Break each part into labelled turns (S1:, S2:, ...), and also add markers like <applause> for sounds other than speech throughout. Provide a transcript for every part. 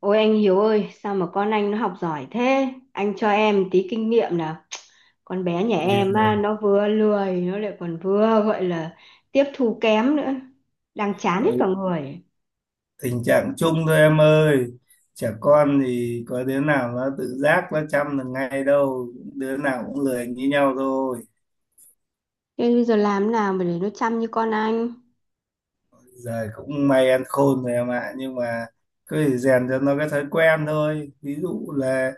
S1: Ôi anh Hiếu ơi, sao mà con anh nó học giỏi thế? Anh cho em tí kinh nghiệm nào. Con bé nhà
S2: Ok. Ôi,
S1: em
S2: dạ.
S1: á, nó vừa lười, nó lại còn vừa gọi là tiếp thu kém nữa. Đang chán hết
S2: Giời,
S1: cả người.
S2: tình trạng chung thôi em ơi. Trẻ con thì có đứa nào nó tự giác nó chăm được ngay đâu, đứa nào cũng lười như nhau thôi.
S1: Thế bây giờ làm thế nào mà để nó chăm như con anh?
S2: Giờ cũng may ăn khôn rồi em ạ, nhưng mà cứ phải rèn cho nó cái thói quen thôi. Ví dụ là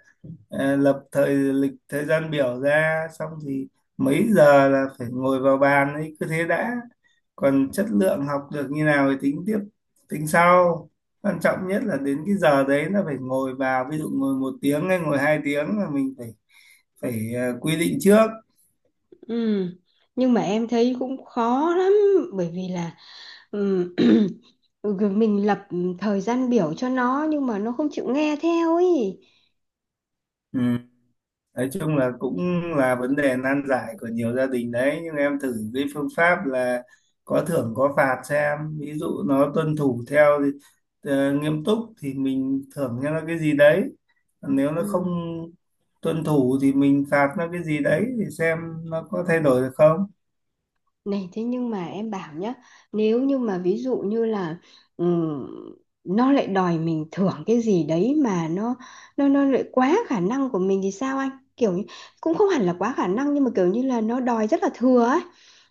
S2: lập thời lịch thời gian biểu ra, xong thì mấy giờ là phải ngồi vào bàn ấy, cứ thế đã. Còn chất lượng học được như nào thì tính tiếp, tính sau. Quan trọng nhất là đến cái giờ đấy là phải ngồi vào, ví dụ ngồi 1 tiếng hay ngồi 2 tiếng là mình phải phải ờ, quy định trước.
S1: Ừ, nhưng mà em thấy cũng khó lắm. Bởi vì là ừm, <clears throat> mình lập thời gian biểu cho nó nhưng mà nó không chịu nghe theo ấy.
S2: Ừ. Nói chung là cũng là vấn đề nan giải của nhiều gia đình đấy, nhưng em thử cái phương pháp là có thưởng có phạt xem. Ví dụ nó tuân thủ theo thì nghiêm túc, thì mình thưởng cho nó cái gì đấy. Còn nếu nó không tuân thủ thì mình phạt nó cái gì đấy, thì xem nó có thay đổi được không.
S1: Này thế nhưng mà em bảo nhá, nếu như mà ví dụ như là ừm, nó lại đòi mình thưởng cái gì đấy mà nó lại quá khả năng của mình thì sao anh? Kiểu như, cũng không hẳn là quá khả năng nhưng mà kiểu như là nó đòi rất là thừa ấy.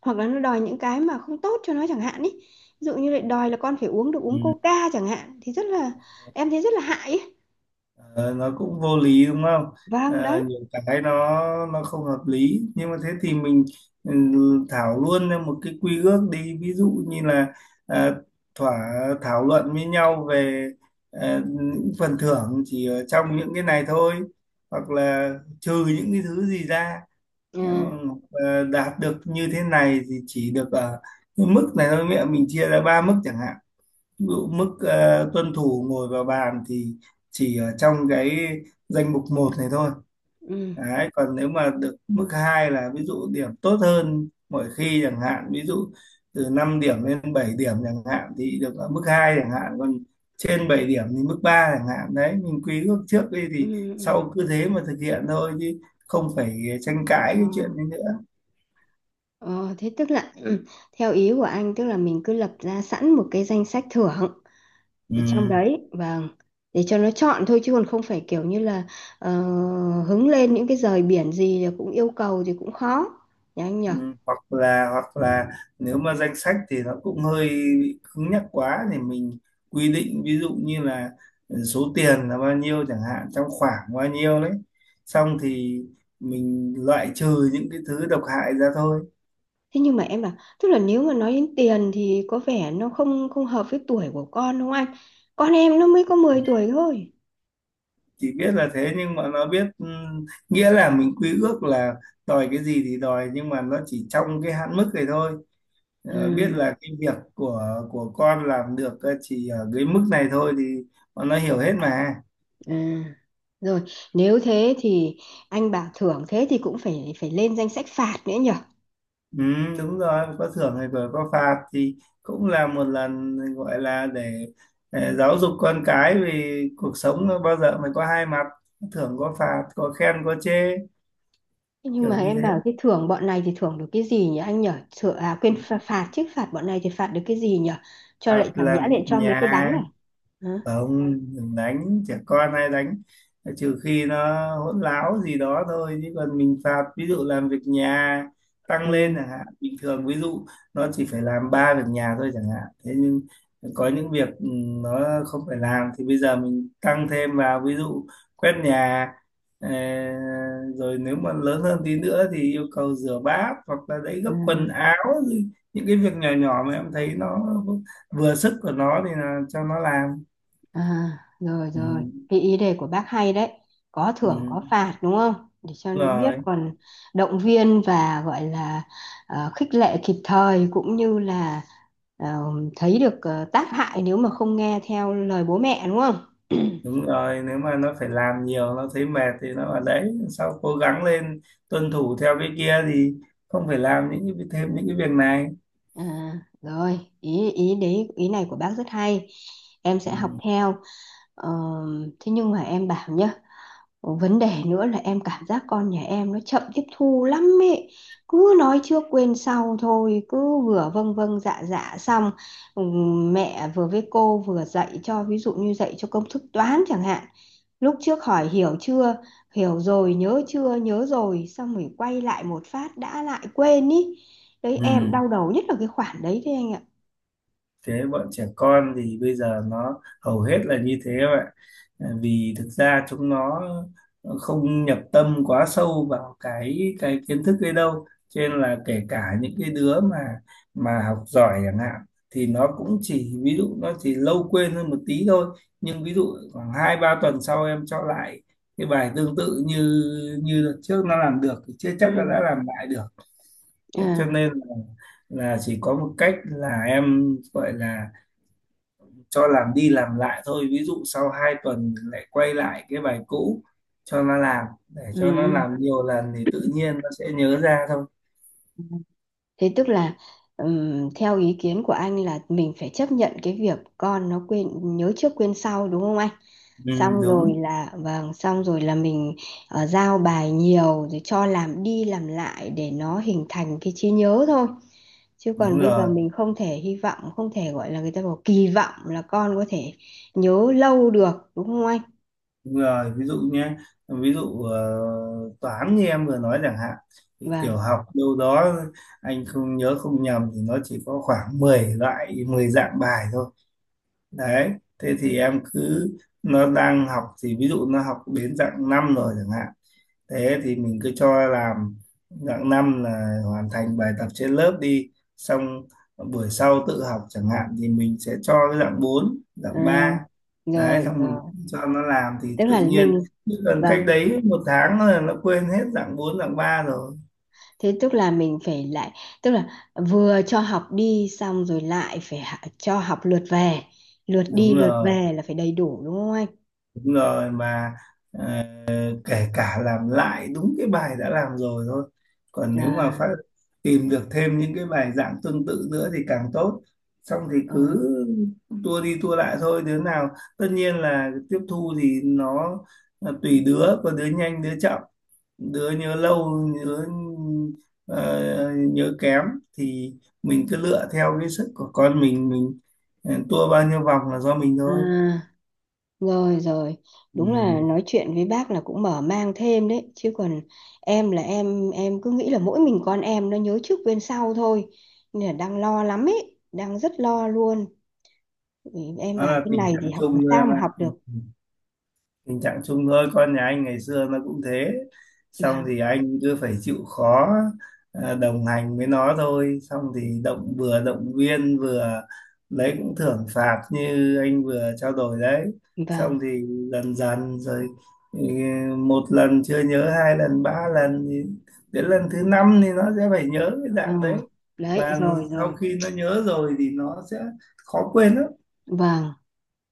S1: Hoặc là nó đòi những cái mà không tốt cho nó chẳng hạn ý. Ví dụ như lại đòi là con phải uống được uống Coca chẳng hạn thì rất là em thấy rất là hại ý.
S2: Ờ, nó cũng vô lý đúng không?
S1: Vâng
S2: Ờ. Ừ.
S1: đấy.
S2: Nhiều cái nó không hợp lý, nhưng mà thế thì mình ừ, thảo luôn ra một cái quy ước đi, ví dụ như là à, thỏa thảo luận với nhau về những phần thưởng chỉ ở trong những cái này thôi, hoặc là trừ những cái thứ gì ra.
S1: Ừ.
S2: Ờ, đạt được như thế này thì chỉ được ở cái mức này thôi. Mẹ mình chia ra ba mức chẳng hạn. Ví dụ mức tuân thủ ngồi vào bàn thì chỉ ở trong cái danh mục một này thôi.
S1: Ừ.
S2: Đấy, còn nếu mà được mức 2 là ví dụ điểm tốt hơn mỗi khi chẳng hạn, ví dụ từ 5 điểm lên 7 điểm chẳng hạn thì được ở mức 2 chẳng hạn. Còn trên 7 điểm thì mức 3 chẳng hạn. Đấy, mình quy ước trước đi thì
S1: Ừ.
S2: sau cứ thế mà thực hiện thôi, chứ không phải tranh cãi
S1: Ừ.
S2: cái chuyện đấy nữa.
S1: Ờ, thế tức là ừ, theo ý của anh tức là mình cứ lập ra sẵn một cái danh sách thưởng để trong
S2: Ừ.
S1: đấy, vâng, để cho nó chọn thôi chứ còn không phải kiểu như là ờ, hứng lên những cái rời biển gì là cũng yêu cầu thì cũng khó nhỉ anh nhỉ.
S2: Ừ, hoặc là nếu mà danh sách thì nó cũng hơi bị cứng nhắc quá, thì mình quy định ví dụ như là số tiền là bao nhiêu chẳng hạn, trong khoảng bao nhiêu đấy, xong thì mình loại trừ những cái thứ độc hại ra thôi.
S1: Thế nhưng mà em bảo tức là nếu mà nói đến tiền thì có vẻ nó không không hợp với tuổi của con đúng không anh, con em nó mới có 10 tuổi thôi.
S2: Chỉ biết là thế, nhưng mà nó biết nghĩa là mình quy ước là đòi cái gì thì đòi, nhưng mà nó chỉ trong cái hạn mức này thôi. Ờ, biết
S1: Ừ,
S2: là cái việc của con làm được chỉ ở cái mức này thôi, thì bọn nó hiểu hết mà.
S1: à. Rồi nếu thế thì anh bảo thưởng thế thì cũng phải phải lên danh sách phạt nữa nhỉ.
S2: Ừ, đúng rồi, có thưởng hay vừa có phạt thì cũng là một lần gọi là để giáo dục con cái, vì cuộc sống nó bao giờ mới có hai mặt, có thưởng có phạt, có khen có chê,
S1: Thế nhưng mà
S2: kiểu như
S1: em
S2: thế.
S1: bảo cái thưởng bọn này thì thưởng được cái gì nhỉ anh nhở? Thưởng à, quên, phạt, phạt chứ, phạt bọn này thì phạt được cái gì nhở? Cho
S2: Phạt
S1: lại chẳng nhẽ
S2: làm
S1: lại
S2: việc
S1: cho mấy cái đánh
S2: nhà,
S1: à? Hả?
S2: không, đừng đánh trẻ con, hay đánh trừ khi nó hỗn láo gì đó thôi, chứ còn mình phạt ví dụ làm việc nhà tăng lên
S1: Ừ,
S2: chẳng hạn. Bình thường ví dụ nó chỉ phải làm ba việc nhà thôi chẳng hạn, thế nhưng có những việc nó không phải làm thì bây giờ mình tăng thêm vào, ví dụ quét nhà, ờ, rồi nếu mà lớn hơn tí nữa thì yêu cầu rửa bát, hoặc là đấy,
S1: ừ,
S2: gấp quần áo, những cái việc nhỏ nhỏ mà em thấy nó vừa sức của nó thì là cho nó làm.
S1: à, rồi
S2: Ừ.
S1: rồi, cái ý đề của bác hay đấy. Có thưởng
S2: Ừ,
S1: có phạt đúng không? Để cho
S2: đúng
S1: nó biết
S2: rồi,
S1: còn động viên và gọi là khích lệ kịp thời cũng như là ờ, thấy được tác hại nếu mà không nghe theo lời bố mẹ đúng không?
S2: đúng rồi, nếu mà nó phải làm nhiều nó thấy mệt thì nó ở đấy sau cố gắng lên, tuân thủ theo cái kia thì không phải làm những cái thêm những cái việc này.
S1: À, rồi ý ý đấy, ý này của bác rất hay, em sẽ học
S2: Ừ.
S1: theo. Ờ, thế nhưng mà em bảo nhá, vấn đề nữa là em cảm giác con nhà em nó chậm tiếp thu lắm ấy. Cứ nói trước quên sau thôi, cứ vừa vâng vâng dạ dạ xong mẹ vừa với cô vừa dạy cho ví dụ như dạy cho công thức toán chẳng hạn. Lúc trước hỏi hiểu chưa, hiểu rồi, nhớ chưa, nhớ rồi, xong rồi quay lại một phát đã lại quên ý. Đấy em
S2: Ừ,
S1: đau đầu nhất là cái khoản đấy đấy anh ạ.
S2: thế bọn trẻ con thì bây giờ nó hầu hết là như thế các bạn. À, vì thực ra chúng nó không nhập tâm quá sâu vào cái kiến thức ấy đâu, cho nên là kể cả những cái đứa mà học giỏi chẳng hạn thì nó cũng chỉ, ví dụ nó chỉ lâu quên hơn một tí thôi. Nhưng ví dụ khoảng 2-3 tuần sau em cho lại cái bài tương tự như như đợt trước nó làm được, thì chưa chắc là
S1: Ừ.
S2: đã làm lại được. Thế cho
S1: À,
S2: nên là chỉ có một cách là em gọi là cho làm đi làm lại thôi, ví dụ sau 2 tuần lại quay lại cái bài cũ cho nó làm, để
S1: ừ.
S2: cho nó làm nhiều lần thì tự nhiên nó sẽ nhớ ra thôi.
S1: Ừ. Thế tức là theo ý kiến của anh là mình phải chấp nhận cái việc con nó quên, nhớ trước quên sau đúng không anh?
S2: Ừ,
S1: Xong rồi
S2: đúng
S1: là vâng, xong rồi là mình giao bài nhiều rồi cho làm đi làm lại để nó hình thành cái trí nhớ thôi. Chứ còn
S2: đúng
S1: bây giờ
S2: rồi,
S1: mình không thể hy vọng, không thể gọi là người ta bảo kỳ vọng là con có thể nhớ lâu được đúng không anh?
S2: ví dụ nhé, ví dụ toán như em vừa nói chẳng hạn, thì tiểu
S1: Vâng.
S2: học đâu đó anh không nhớ không nhầm thì nó chỉ có khoảng 10 loại, 10 dạng bài thôi đấy. Thế thì em cứ, nó đang học thì ví dụ nó học đến dạng 5 rồi chẳng hạn, thế thì mình cứ cho làm dạng 5 là hoàn thành bài tập trên lớp đi, xong buổi sau tự học chẳng hạn thì mình sẽ cho cái dạng 4,
S1: Ừ,
S2: dạng 3. Đấy,
S1: rồi
S2: xong mình
S1: rồi,
S2: cho nó làm thì
S1: tức
S2: tự
S1: là
S2: nhiên,
S1: mình,
S2: chứ còn cách
S1: vâng,
S2: đấy 1 tháng là nó quên hết dạng 4, dạng ba rồi.
S1: thế tức là mình phải lại, tức là vừa cho học đi xong rồi lại phải cho học lượt về, lượt
S2: Đúng
S1: đi lượt
S2: rồi,
S1: về là phải đầy đủ đúng không anh?
S2: đúng rồi mà à, kể cả làm lại đúng cái bài đã làm rồi thôi, còn nếu mà
S1: À,
S2: phát tìm được thêm những cái bài giảng tương tự nữa thì càng tốt, xong thì
S1: à,
S2: cứ tua đi tua lại thôi. Đứa nào, tất nhiên là tiếp thu thì nó là tùy đứa, có đứa nhanh đứa chậm, đứa nhớ lâu, nhớ ờ, nhớ kém, thì mình cứ lựa theo cái sức của con mình. Tua bao nhiêu vòng là do mình
S1: à,
S2: thôi.
S1: rồi rồi,
S2: Ừ.
S1: đúng là nói chuyện với bác là cũng mở mang thêm đấy chứ còn em là em cứ nghĩ là mỗi mình con em nó nhớ trước quên sau thôi nên là đang lo lắm ấy, đang rất lo luôn. Ừ, em
S2: Đó
S1: bảo
S2: là
S1: thế
S2: tình
S1: này thì
S2: trạng
S1: học làm
S2: chung thôi
S1: sao
S2: em
S1: mà
S2: ạ.
S1: học được.
S2: Ừ, tình trạng chung thôi, con nhà anh ngày xưa nó cũng thế, xong
S1: Vâng
S2: thì anh cứ phải chịu khó đồng hành với nó thôi. Xong thì vừa động viên vừa lấy cũng thưởng phạt như anh vừa trao đổi đấy.
S1: vâng.
S2: Xong thì dần dần rồi, ừ, 1 lần chưa nhớ, 2 lần 3 lần thì đến lần thứ năm thì nó sẽ phải nhớ cái
S1: Ờ,
S2: dạng đấy.
S1: đấy
S2: Và
S1: rồi
S2: sau
S1: rồi,
S2: khi nó nhớ rồi thì nó sẽ khó quên lắm.
S1: vâng.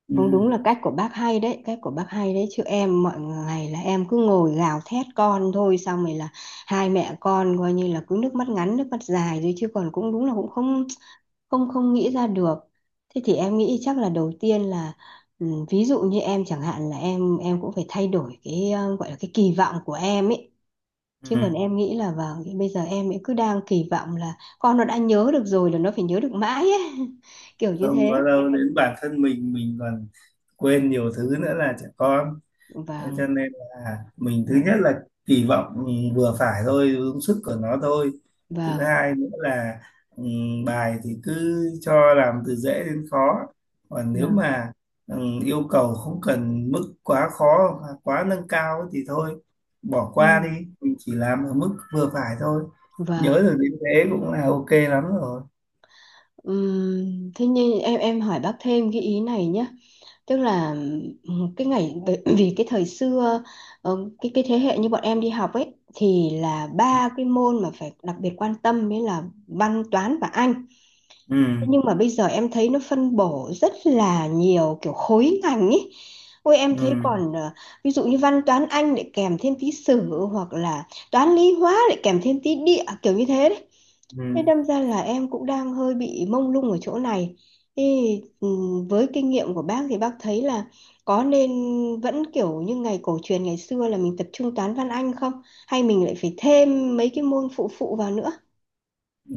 S2: Ừ.
S1: Không, đúng là cách của bác hay đấy, cách của bác hay đấy, chứ em mọi ngày là em cứ ngồi gào thét con thôi xong rồi là hai mẹ con coi như là cứ nước mắt ngắn nước mắt dài rồi, chứ còn cũng đúng là cũng không không không nghĩ ra được. Thế thì em nghĩ chắc là đầu tiên là ừ, ví dụ như em chẳng hạn là em cũng phải thay đổi cái gọi là cái kỳ vọng của em ấy. Chứ còn
S2: Ừ,
S1: em nghĩ là vào bây giờ em ấy cứ đang kỳ vọng là con nó đã nhớ được rồi là nó phải nhớ được mãi ấy. <laughs> Kiểu như
S2: không có
S1: thế.
S2: đâu, đến bản thân mình còn quên nhiều thứ nữa là trẻ con. Thế
S1: Vâng,
S2: cho nên là mình, thứ
S1: vâng,
S2: nhất là kỳ vọng vừa phải thôi, đúng sức của nó thôi. Thứ
S1: vâng.
S2: hai nữa là bài thì cứ cho làm từ dễ đến khó, còn nếu
S1: Vâng.
S2: mà yêu cầu không cần mức quá khó hoặc quá nâng cao thì thôi, bỏ qua
S1: Ừ.
S2: đi. Mình chỉ làm ở mức vừa phải thôi, nhớ
S1: Và
S2: được đến thế cũng là ok lắm rồi.
S1: thế nhưng em hỏi bác thêm cái ý này nhé, tức là cái ngày bởi vì cái thời xưa cái thế hệ như bọn em đi học ấy thì là ba cái môn mà phải đặc biệt quan tâm mới là văn, toán và Anh.
S2: Ừ.
S1: Thế nhưng mà bây giờ em thấy nó phân bổ rất là nhiều kiểu khối ngành ấy. Ôi em
S2: Ừ.
S1: thấy còn ví dụ như văn toán Anh lại kèm thêm tí sử hoặc là toán lý hóa lại kèm thêm tí địa kiểu như thế đấy.
S2: Ừ.
S1: Nên đâm ra là em cũng đang hơi bị mông lung ở chỗ này. Thì với kinh nghiệm của bác thì bác thấy là có nên vẫn kiểu như ngày cổ truyền ngày xưa là mình tập trung toán văn anh không? Hay mình lại phải thêm mấy cái môn phụ phụ vào nữa?
S2: Ừ,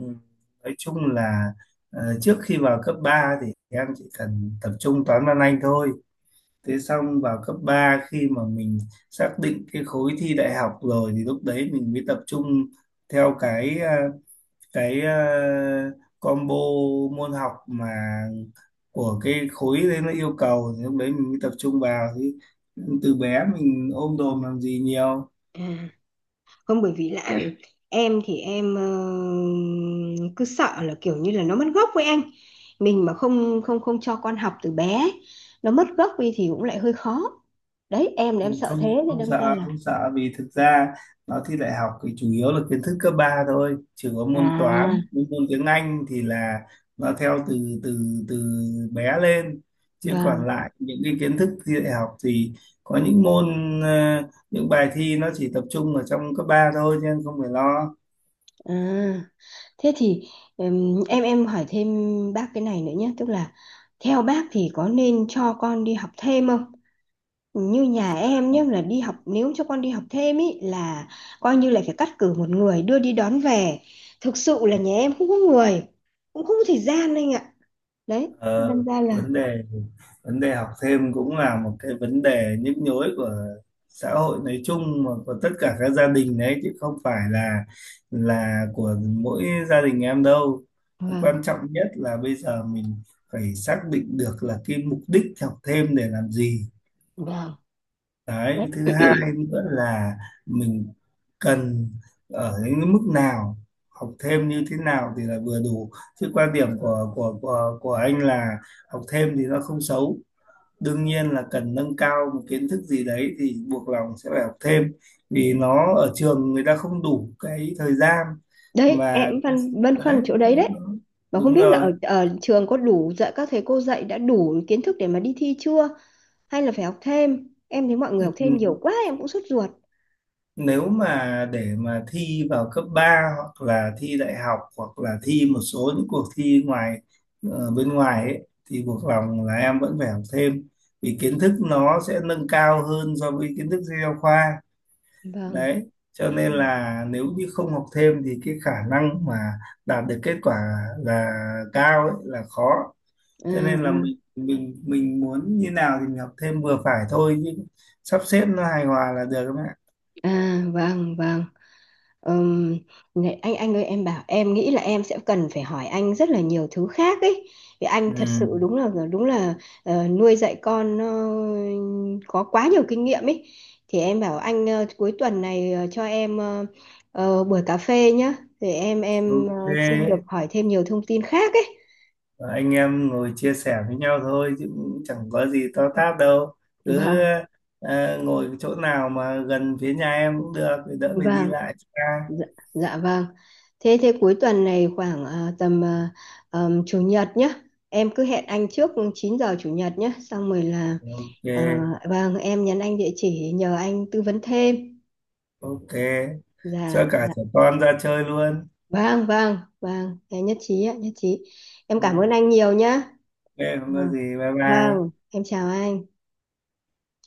S2: nói chung là trước khi vào cấp 3 thì em chỉ cần tập trung toán văn anh thôi. Thế xong vào cấp ba, khi mà mình xác định cái khối thi đại học rồi thì lúc đấy mình mới tập trung theo cái combo môn học mà của cái khối đấy nó yêu cầu, thì lúc đấy mình mới tập trung vào. Thì từ bé mình ôm đồm làm gì nhiều.
S1: À, không bởi vì là <clears throat> em thì em cứ sợ là kiểu như là nó mất gốc với anh, mình mà không không không cho con học từ bé, nó mất gốc đi thì cũng lại hơi khó. Đấy em là
S2: Ừ,
S1: em sợ
S2: không,
S1: thế thì
S2: không
S1: đâm ra
S2: sợ,
S1: là
S2: không sợ, vì thực ra nó thi đại học thì chủ yếu là kiến thức cấp 3 thôi, chỉ có môn
S1: à,
S2: toán với môn tiếng Anh thì là nó theo từ từ từ bé lên. Chứ
S1: vâng.
S2: còn lại những cái kiến thức thi đại học thì có những môn ờ, những bài thi nó chỉ tập trung ở trong cấp 3 thôi, nên không phải lo.
S1: À, thế thì em hỏi thêm bác cái này nữa nhé, tức là theo bác thì có nên cho con đi học thêm không? Như nhà em nhé là đi học, nếu cho con đi học thêm ý là coi như là phải cắt cử một người đưa đi đón về. Thực sự là nhà em không có người, cũng không có thời gian anh ạ. Đấy, thế
S2: Ờ,
S1: đâm ra là
S2: vấn đề, học thêm cũng là một cái vấn đề nhức nhối của xã hội nói chung, mà của tất cả các gia đình đấy, chứ không phải là của mỗi gia đình em đâu.
S1: vâng,
S2: Quan trọng nhất là bây giờ mình phải xác định được là cái mục đích học thêm để làm gì.
S1: vâng.
S2: Đấy,
S1: Đấy,
S2: thứ hai nữa là mình cần ở những mức nào, học thêm như thế nào thì là vừa đủ. Chứ quan điểm của anh là học thêm thì nó không xấu. Đương nhiên là cần nâng cao một kiến thức gì đấy thì buộc lòng sẽ phải học thêm, vì nó ở trường người ta không đủ cái thời gian
S1: đấy em
S2: mà.
S1: phân băn
S2: Đấy,
S1: khoăn chỗ đấy đấy.
S2: đúng rồi,
S1: Và không
S2: đúng
S1: biết là ở
S2: rồi.
S1: ở trường có đủ dạy các thầy cô dạy đã đủ kiến thức để mà đi thi chưa? Hay là phải học thêm, em thấy mọi người học thêm
S2: Ừ,
S1: nhiều quá em cũng sốt ruột.
S2: nếu mà để mà thi vào cấp ba, hoặc là thi đại học, hoặc là thi một số những cuộc thi ngoài, bên ngoài ấy, thì buộc lòng là em vẫn phải học thêm, vì kiến thức nó sẽ nâng cao hơn so với kiến thức sách giáo khoa.
S1: Vâng.
S2: Đấy cho nên
S1: Ừ.
S2: là nếu như không học thêm thì cái khả năng mà đạt được kết quả là cao ấy, là khó.
S1: À,
S2: Cho nên là
S1: à,
S2: mình muốn như nào thì mình học thêm vừa phải thôi, chứ sắp xếp nó hài hòa là được các bạn.
S1: à, vâng vâng. Ừm, này, anh ơi em bảo em nghĩ là em sẽ cần phải hỏi anh rất là nhiều thứ khác ấy vì anh thật
S2: Ừ.
S1: sự đúng là nuôi dạy con nó có quá nhiều kinh nghiệm ấy. Thì em bảo anh cuối tuần này cho em buổi cà phê nhá, thì em em
S2: Ok,
S1: ờ, xin được hỏi thêm nhiều thông tin khác ấy.
S2: anh em ngồi chia sẻ với nhau thôi chứ cũng chẳng có gì to tát đâu. Cứ
S1: Vâng
S2: ngồi chỗ nào mà gần phía nhà em cũng được, để đỡ phải đi
S1: vâng.
S2: lại xa.
S1: Dạ, dạ vâng. Thế thế cuối tuần này khoảng à, tầm à, chủ nhật nhé. Em cứ hẹn anh trước 9 giờ chủ nhật nhé. Xong rồi là
S2: Ok,
S1: à, vâng em nhắn anh địa chỉ nhờ anh tư vấn thêm.
S2: ok.
S1: Dạ,
S2: Cho cả
S1: dạ.
S2: trẻ con ra chơi luôn.
S1: Vâng, vâng, vâng. Em nhất trí ạ, nhất trí.
S2: Ừ,
S1: Em cảm ơn anh nhiều nhé.
S2: ok, không có
S1: Vâng,
S2: gì. Bye
S1: vâng.
S2: bye.
S1: Em chào anh.